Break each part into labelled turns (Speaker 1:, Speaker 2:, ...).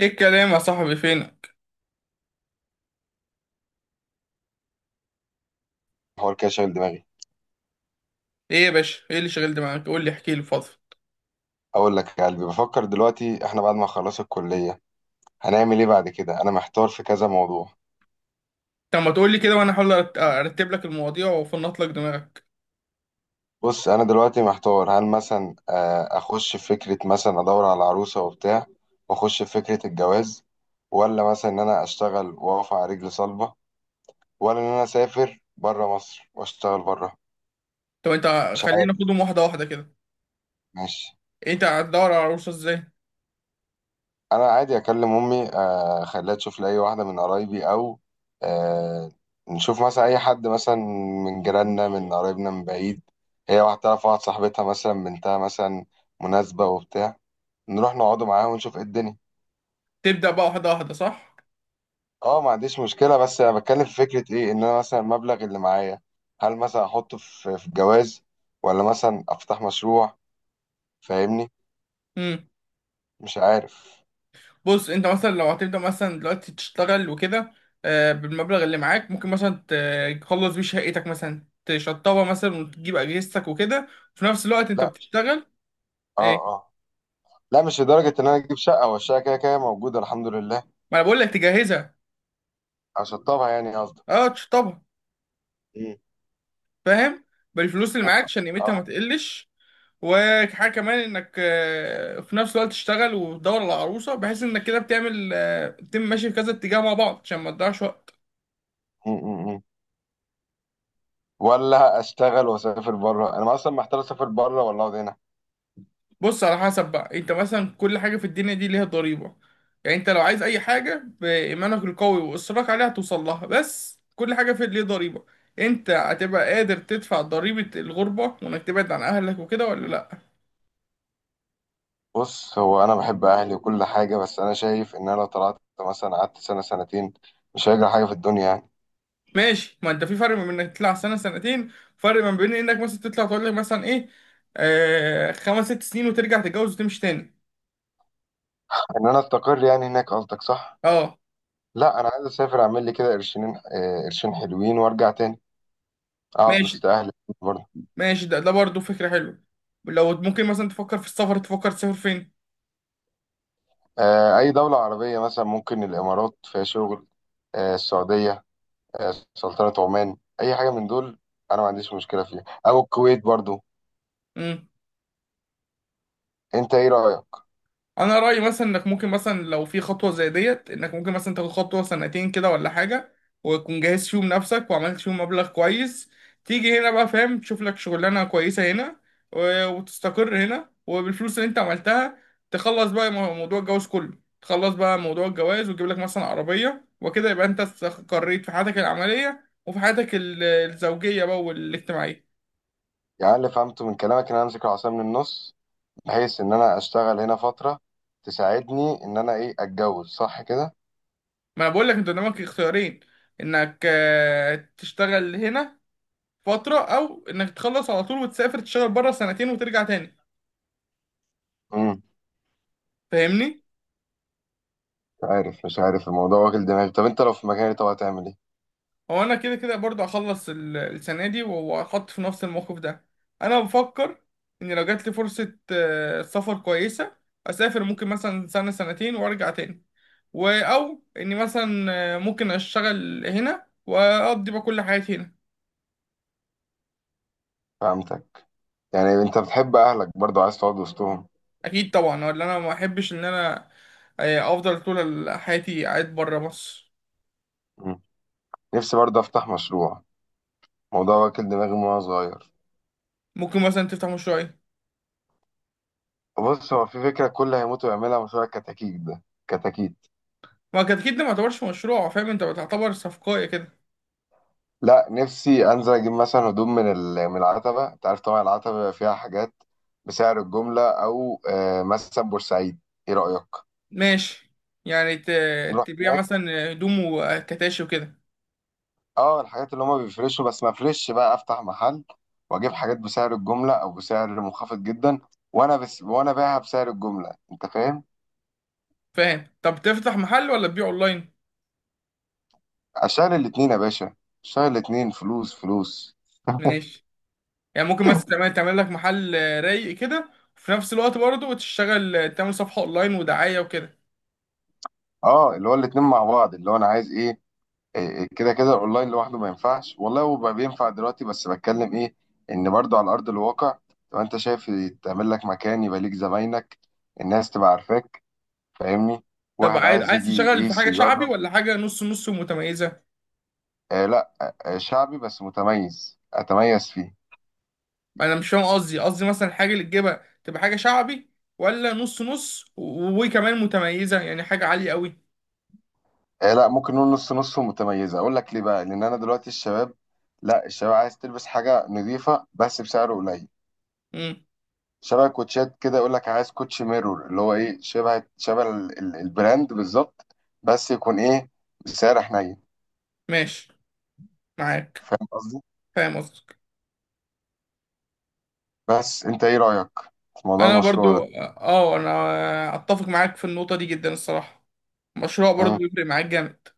Speaker 1: ايه الكلام يا صاحبي؟ فينك؟
Speaker 2: حوار كده شاغل دماغي.
Speaker 1: ايه يا باشا؟ ايه اللي شغلت معاك؟ قول لي، احكي لي، فضل.
Speaker 2: اقول لك يا قلبي، بفكر دلوقتي احنا بعد ما خلص الكليه هنعمل ايه بعد كده. انا محتار في كذا موضوع.
Speaker 1: طب ما تقول لي كده وانا احاول ارتب لك المواضيع وافنط لك دماغك.
Speaker 2: بص انا دلوقتي محتار، هل مثلا اخش في فكره، مثلا ادور على عروسه وبتاع واخش في فكره الجواز، ولا مثلا ان انا اشتغل واقف على رجل صلبه، ولا ان انا اسافر بره مصر واشتغل بره.
Speaker 1: طب انت،
Speaker 2: مش
Speaker 1: خلينا
Speaker 2: عارف.
Speaker 1: ناخدهم واحده واحده كده.
Speaker 2: ماشي.
Speaker 1: انت هتدور على عروسه ازاي؟
Speaker 2: انا عادي اكلم امي، اخليها تشوف لي اي واحده من قرايبي او آه، نشوف مثلا اي حد مثلا من جيراننا من قرايبنا من بعيد. هي واحده تعرف واحد صاحبتها مثلا بنتها مثلا مناسبه وبتاع، نروح نقعدوا معاها ونشوف ايه الدنيا.
Speaker 1: تبدا بقى واحده واحده، صح؟
Speaker 2: اه ما عنديش مشكله، بس انا بتكلم في فكره ايه، ان انا مثلا المبلغ اللي معايا هل مثلا احطه في الجواز ولا مثلا افتح مشروع؟ فاهمني؟
Speaker 1: امم.
Speaker 2: مش عارف.
Speaker 1: بص، انت مثلا لو هتبدا مثلا دلوقتي تشتغل وكده، بالمبلغ اللي معاك ممكن مثلا تخلص بيه شقتك، مثلا تشطبها مثلا وتجيب اجهزتك وكده، وفي نفس الوقت انت
Speaker 2: لا.
Speaker 1: بتشتغل.
Speaker 2: اه،
Speaker 1: ايه؟
Speaker 2: اه. لا مش لدرجه ان انا اجيب شقه، والشقه كده كده موجوده الحمد لله.
Speaker 1: ما انا بقول لك تجهزها.
Speaker 2: اشطبها يعني قصدك؟
Speaker 1: اه، تشطبها.
Speaker 2: مم.
Speaker 1: فاهم؟ بالفلوس اللي معاك عشان قيمتها ما
Speaker 2: اه.
Speaker 1: تقلش. وحاجه كمان، انك في نفس الوقت تشتغل وتدور على عروسه، بحيث انك كده بتعمل، تتم ماشي في كذا اتجاه مع بعض عشان ما تضيعش وقت.
Speaker 2: م- م- م. ولا اشتغل واسافر بره؟ انا اصلا محتار، اسافر بره ولا اقعد هنا؟
Speaker 1: بص، على حسب بقى، انت مثلا كل حاجه في الدنيا دي ليها ضريبه. يعني انت لو عايز اي حاجه بايمانك القوي واصرارك عليها هتوصل لها، بس كل حاجه في ليها ضريبه. انت هتبقى قادر تدفع ضريبه الغربه وانك تبعد عن اهلك وكده ولا لا؟
Speaker 2: بص، هو انا بحب اهلي وكل حاجه، بس انا شايف ان انا لو طلعت مثلا قعدت سنه سنتين مش هيجري حاجه في الدنيا يعني.
Speaker 1: ماشي. ما انت في فرق ما بين انك تطلع سنه سنتين، فرق ما بين انك مثلا تطلع، تقول لك مثلا ايه، خمس ست سنين وترجع تتجوز وتمشي تاني.
Speaker 2: ان انا استقر يعني هناك قصدك، صح؟
Speaker 1: اه.
Speaker 2: لا انا عايز اسافر، اعمل لي كده قرشين، قرشين حلوين، وارجع تاني اقعد
Speaker 1: ماشي.
Speaker 2: وسط اهلي. برضه.
Speaker 1: ماشي، ده برضه فكره حلوه. لو ممكن مثلا تفكر في السفر، تفكر تسافر فين؟
Speaker 2: اي دوله عربيه، مثلا ممكن الامارات فيها شغل، السعوديه، سلطنة عمان، أي حاجة من دول. أنا ما عنديش مشكلة فيها، أو الكويت برضو. أنت إيه رأيك؟
Speaker 1: انا رايي مثلا انك ممكن مثلا لو في خطوه زي ديت، انك ممكن مثلا تاخد خطوه سنتين كده ولا حاجه، وتكون جاهز فيهم نفسك وعملت فيهم مبلغ كويس، تيجي هنا بقى فاهم، تشوف لك شغلانه كويسه هنا وتستقر هنا، وبالفلوس اللي انت عملتها تخلص بقى موضوع الجواز كله، تخلص بقى موضوع الجواز وتجيب لك مثلا عربيه وكده، يبقى انت استقريت في حياتك العمليه وفي حياتك الزوجيه بقى والاجتماعيه.
Speaker 2: يعني اللي فهمته من كلامك إن أنا أمسك العصاية من النص، بحيث إن أنا أشتغل هنا فترة تساعدني إن أنا إيه، أتجوز، صح كده؟
Speaker 1: ما انا بقول لك، انت قدامك اختيارين: انك تشتغل هنا فترة، أو إنك تخلص على طول وتسافر تشتغل بره سنتين وترجع تاني.
Speaker 2: امم
Speaker 1: فاهمني؟
Speaker 2: مش عارف، مش عارف الموضوع واكل دماغي. طب أنت لو في مكاني، طب هتعمل إيه؟
Speaker 1: هو أنا كده كده برضه هخلص السنة دي وهحط في نفس الموقف ده. أنا بفكر إن لو جات لي فرصة سفر كويسة، أسافر ممكن مثلا سنة سنتين وأرجع تاني. و أو إني مثلا، ممكن أشتغل هنا وأقضي بقى كل حياتي هنا.
Speaker 2: فهمتك. يعني أنت بتحب أهلك، برضو عايز تقعد وسطهم.
Speaker 1: أكيد طبعا، ولا أنا ما أحبش إن أنا أفضل طول حياتي قاعد بره مصر.
Speaker 2: مم. نفسي برضو أفتح مشروع، موضوع واكل دماغي من وأنا صغير.
Speaker 1: ممكن مثلا تفتح مشروع إيه؟
Speaker 2: بص، هو في فكرة كل هيموت ويعملها، مشروع الكتاكيت ده. كتاكيت.
Speaker 1: ما التدخين ده ما يعتبرش مشروع، فاهم؟ انت بتعتبر صفقاية كده.
Speaker 2: لا، نفسي انزل اجيب مثلا هدوم من من العتبه، انت عارف طبعا العتبه بيبقى فيها حاجات بسعر الجمله، او مثلا بورسعيد. ايه رايك،
Speaker 1: ماشي. يعني
Speaker 2: نروح
Speaker 1: تبيع
Speaker 2: هناك؟
Speaker 1: مثلا هدوم وكتاشي وكده.
Speaker 2: اه الحاجات اللي هما بيفرشوا، بس ما افرش، بقى افتح محل واجيب حاجات بسعر الجمله او بسعر منخفض جدا، وانا بس وانا بايعها بسعر الجمله، انت فاهم؟
Speaker 1: فاهم. طب تفتح محل ولا تبيع اونلاين؟
Speaker 2: اشتغل الاتنين يا باشا، اشتغل الاتنين، فلوس فلوس.
Speaker 1: ماشي. يعني ممكن مثلا تعمل لك محل رايق كده، وفي نفس الوقت برضه تشتغل تعمل صفحة اونلاين ودعاية وكده.
Speaker 2: اه اللي هو الاتنين مع بعض، اللي هو انا عايز ايه، إيه، كده كده الاونلاين لوحده ما ينفعش والله، هو بقى بينفع دلوقتي، بس بتكلم ايه، ان برضو على ارض الواقع تبقى انت شايف تعمل لك مكان، يبقى ليك زباينك، الناس تبقى عارفاك، فاهمني؟
Speaker 1: طب
Speaker 2: واحد
Speaker 1: عايز
Speaker 2: عايز
Speaker 1: عايز
Speaker 2: يجي
Speaker 1: تشتغل في
Speaker 2: يقيس
Speaker 1: حاجة شعبي
Speaker 2: يجرب.
Speaker 1: ولا حاجة نص نص متميزة؟
Speaker 2: لا. شعبي بس متميز، اتميز فيه.
Speaker 1: انا مش فاهم قصدي مثلا الحاجة اللي تجيبها تبقى حاجة شعبي، ولا نص نص وكمان متميزة؟ يعني حاجة عالية قوي.
Speaker 2: لا، ممكن نقول نص نص ومتميزه. اقول لك ليه بقى، لان انا دلوقتي الشباب، لا الشباب عايز تلبس حاجه نظيفه بس بسعر قليل.
Speaker 1: امم.
Speaker 2: شبه كوتشات كده، يقول لك عايز كوتش ميرور، اللي هو ايه، شبه شبه البراند بالظبط، بس يكون ايه، بسعر حنين.
Speaker 1: ماشي، معاك.
Speaker 2: فاهم قصدي؟
Speaker 1: فاهم قصدك.
Speaker 2: بس انت ايه رأيك في موضوع
Speaker 1: انا
Speaker 2: المشروع
Speaker 1: برضو،
Speaker 2: ده؟
Speaker 1: اه، انا اتفق معاك في النقطه دي جدا الصراحه. مشروع برضو
Speaker 2: مم.
Speaker 1: بيفرق معاك جامد.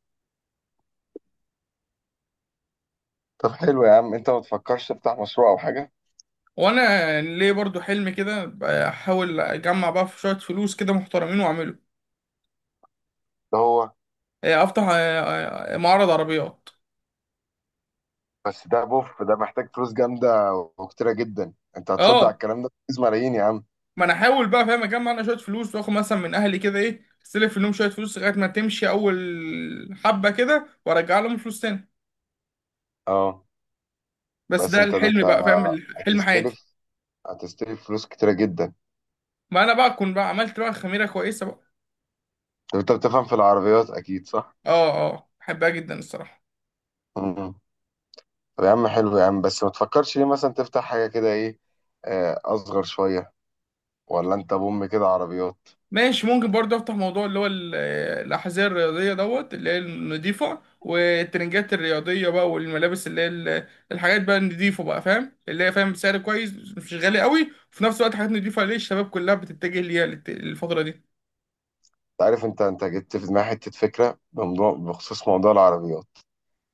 Speaker 2: طب حلو يا عم، انت ما تفكرش تفتح مشروع او حاجة؟
Speaker 1: وانا ليه برضو حلم كده، احاول اجمع بقى في شويه فلوس كده محترمين واعمله.
Speaker 2: ده هو.
Speaker 1: افتح معرض عربيات.
Speaker 2: بس ده بوف، ده محتاج فلوس جامدة وكتيرة جدا. انت هتصد على
Speaker 1: اه.
Speaker 2: الكلام ده، فلوس ملايين يا عم.
Speaker 1: ما انا احاول بقى فاهم، اجمع انا شويه فلوس واخد مثلا من اهلي كده، ايه، استلف منهم شويه فلوس لغايه ما تمشي اول حبه كده وارجع لهم فلوس تاني.
Speaker 2: اه.
Speaker 1: بس
Speaker 2: بس
Speaker 1: ده
Speaker 2: انت ده،
Speaker 1: الحلم
Speaker 2: انت
Speaker 1: بقى، فاهم، حلم حياتي.
Speaker 2: هتستلف، هتستلف فلوس كتيرة جدا.
Speaker 1: ما انا بقى اكون بقى عملت بقى خميره كويسه بقى.
Speaker 2: طب انت بتفهم في العربيات اكيد، صح؟
Speaker 1: اه اه، بحبها جدا الصراحة.
Speaker 2: مم. طب يا عم حلو يا عم، بس ما تفكرش ليه مثلا تفتح حاجة كده ايه، أصغر شوية؟ ولا أنت بوم كده عربيات؟
Speaker 1: ماشي. ممكن برضه افتح موضوع اللي هو الأحذية الرياضية دوت، اللي هي النضيفة، والترنجات الرياضية بقى، والملابس اللي هي الحاجات بقى النضيفة بقى، فاهم، اللي هي فاهم سعر كويس مش غالي قوي، وفي نفس الوقت حاجات نضيفة ليه، الشباب كلها بتتجه ليها الفترة دي.
Speaker 2: أنت عارف أنت، أنت جبت في دماغي حتة فكرة بموضوع، بخصوص موضوع العربيات.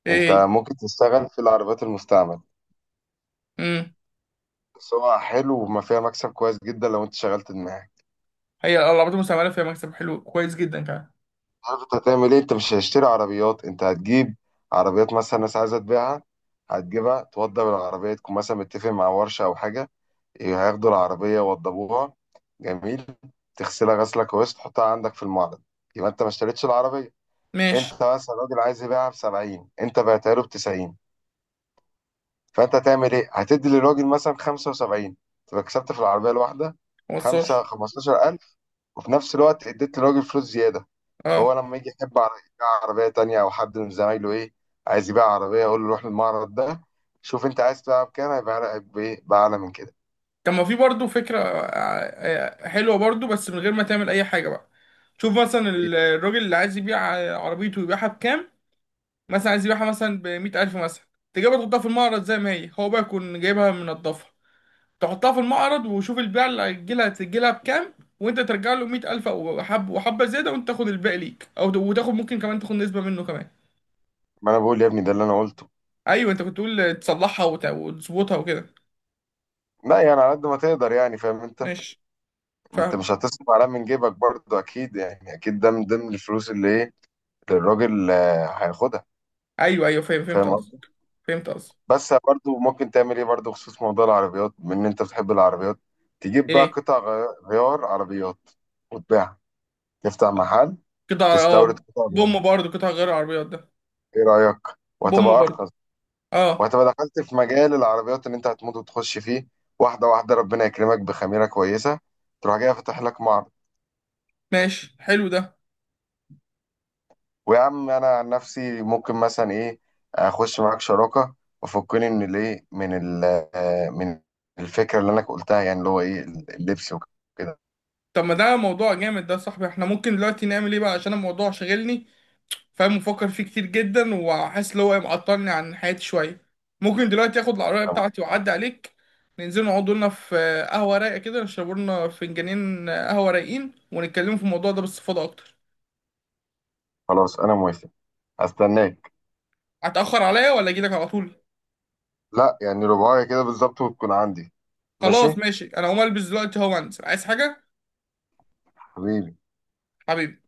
Speaker 1: ايه
Speaker 2: أنت
Speaker 1: هي؟
Speaker 2: ممكن تشتغل في العربيات المستعمل،
Speaker 1: امم.
Speaker 2: سواء حلو وما فيها مكسب كويس جدا لو أنت شغلت دماغك.
Speaker 1: هي الألعاب المستعملة فيها مكسب حلو كويس جدا كمان.
Speaker 2: عارف أنت هتعمل إيه؟ أنت مش هتشتري عربيات، أنت هتجيب عربيات مثلا ناس عايزة تبيعها، هتجيبها، توضب العربية، تكون مثلا متفق مع ورشة أو حاجة، هياخدوا العربية يوضبوها، جميل، تغسلها غسلة كويس، تحطها عندك في المعرض، يبقى انت ما اشتريتش العربية.
Speaker 1: ماشي.
Speaker 2: انت مثلا راجل عايز يبيعها ب 70، انت بعتها له ب 90، فانت هتعمل ايه؟ هتدي للراجل مثلا 75، تبقى كسبت في العربية الواحدة
Speaker 1: موصلش.
Speaker 2: 5، 15000. وفي نفس الوقت اديت للراجل فلوس زيادة. فهو
Speaker 1: اه.
Speaker 2: لما يجي يحب يبيع عربية تانية، او حد من زمايله ايه، عايز يبيع عربية، يقول له روح للمعرض ده، شوف انت عايز تبيعها بكام، هيبيعها لك بايه، بأعلى من كده.
Speaker 1: طب ما في برضه فكرة حلوة برضه، بس من غير ما تعمل أي حاجة بقى. شوف مثلا الراجل اللي عايز يبيع عربيته، يبيعها بكام؟ مثلا عايز يبيعها مثلا بمية ألف مثلا، تجيبها تحطها في المعرض زي ما هي، هو بقى يكون جايبها منضفة، تحطها في المعرض وشوف البيع اللي هيجيلها، تجيلها بكام، وأنت ترجع له مية ألف أو حب وحبة زيادة، وأنت تاخد الباقي ليك، أو وتاخد ممكن كمان تاخد نسبة منه كمان.
Speaker 2: ما انا بقول يا ابني ده اللي انا قلته.
Speaker 1: أيوه، أنت كنت تقول تصلحها وتظبطها وكده.
Speaker 2: لا يعني على قد ما تقدر، يعني فاهم انت،
Speaker 1: ماشي.
Speaker 2: انت
Speaker 1: فاهم.
Speaker 2: مش هتصرف عليها من جيبك برضه اكيد، يعني اكيد ده من ضمن الفلوس اللي ايه، الراجل هياخدها.
Speaker 1: أيوه أيوه، فاهم، فهمت
Speaker 2: فاهم قصدي.
Speaker 1: قصدك. فهمت قصدك.
Speaker 2: بس برضه ممكن تعمل ايه برضه بخصوص موضوع العربيات، بما ان انت بتحب العربيات، تجيب بقى
Speaker 1: إيه؟
Speaker 2: قطع غيار عربيات، وتبيعها، تفتح محل،
Speaker 1: قطع،
Speaker 2: تستورد
Speaker 1: اه،
Speaker 2: قطع غيار.
Speaker 1: بوم برضه، قطع غير عربيات ده.
Speaker 2: ايه رأيك؟
Speaker 1: بوم
Speaker 2: وهتبقى
Speaker 1: برضه.
Speaker 2: ارخص،
Speaker 1: اه.
Speaker 2: وهتبقى دخلت في مجال العربيات اللي انت هتموت وتخش فيه. واحدة واحدة ربنا يكرمك بخميرة كويسة، تروح جاي فاتح لك معرض.
Speaker 1: ماشي، حلو ده.
Speaker 2: ويا عم انا عن نفسي ممكن مثلا ايه، اخش معاك شراكه، وفكني من الايه، من ال، من الفكره اللي انا قلتها يعني، اللي هو ايه، اللبس وكده.
Speaker 1: طب ما ده موضوع جامد ده يا صاحبي. احنا ممكن دلوقتي نعمل ايه بقى عشان الموضوع شاغلني، فاهم، مفكر فيه كتير جدا، وحاسس ان هو معطلني عن حياتي شويه. ممكن دلوقتي اخد العربيه
Speaker 2: طب
Speaker 1: بتاعتي واعدي عليك، ننزل نقعد لنا في قهوه رايقه كده، نشرب لنا فنجانين قهوه رايقين، ونتكلم في الموضوع ده باستفاضه اكتر.
Speaker 2: خلاص انا موافق. هستناك.
Speaker 1: هتاخر عليا ولا اجي لك على طول؟
Speaker 2: لا يعني رباعية كده بالظبط، وتكون عندي. ماشي.
Speaker 1: خلاص ماشي، انا هقوم البس دلوقتي اهو وانزل. عايز حاجه؟
Speaker 2: حبيبي.
Speaker 1: حبيبي.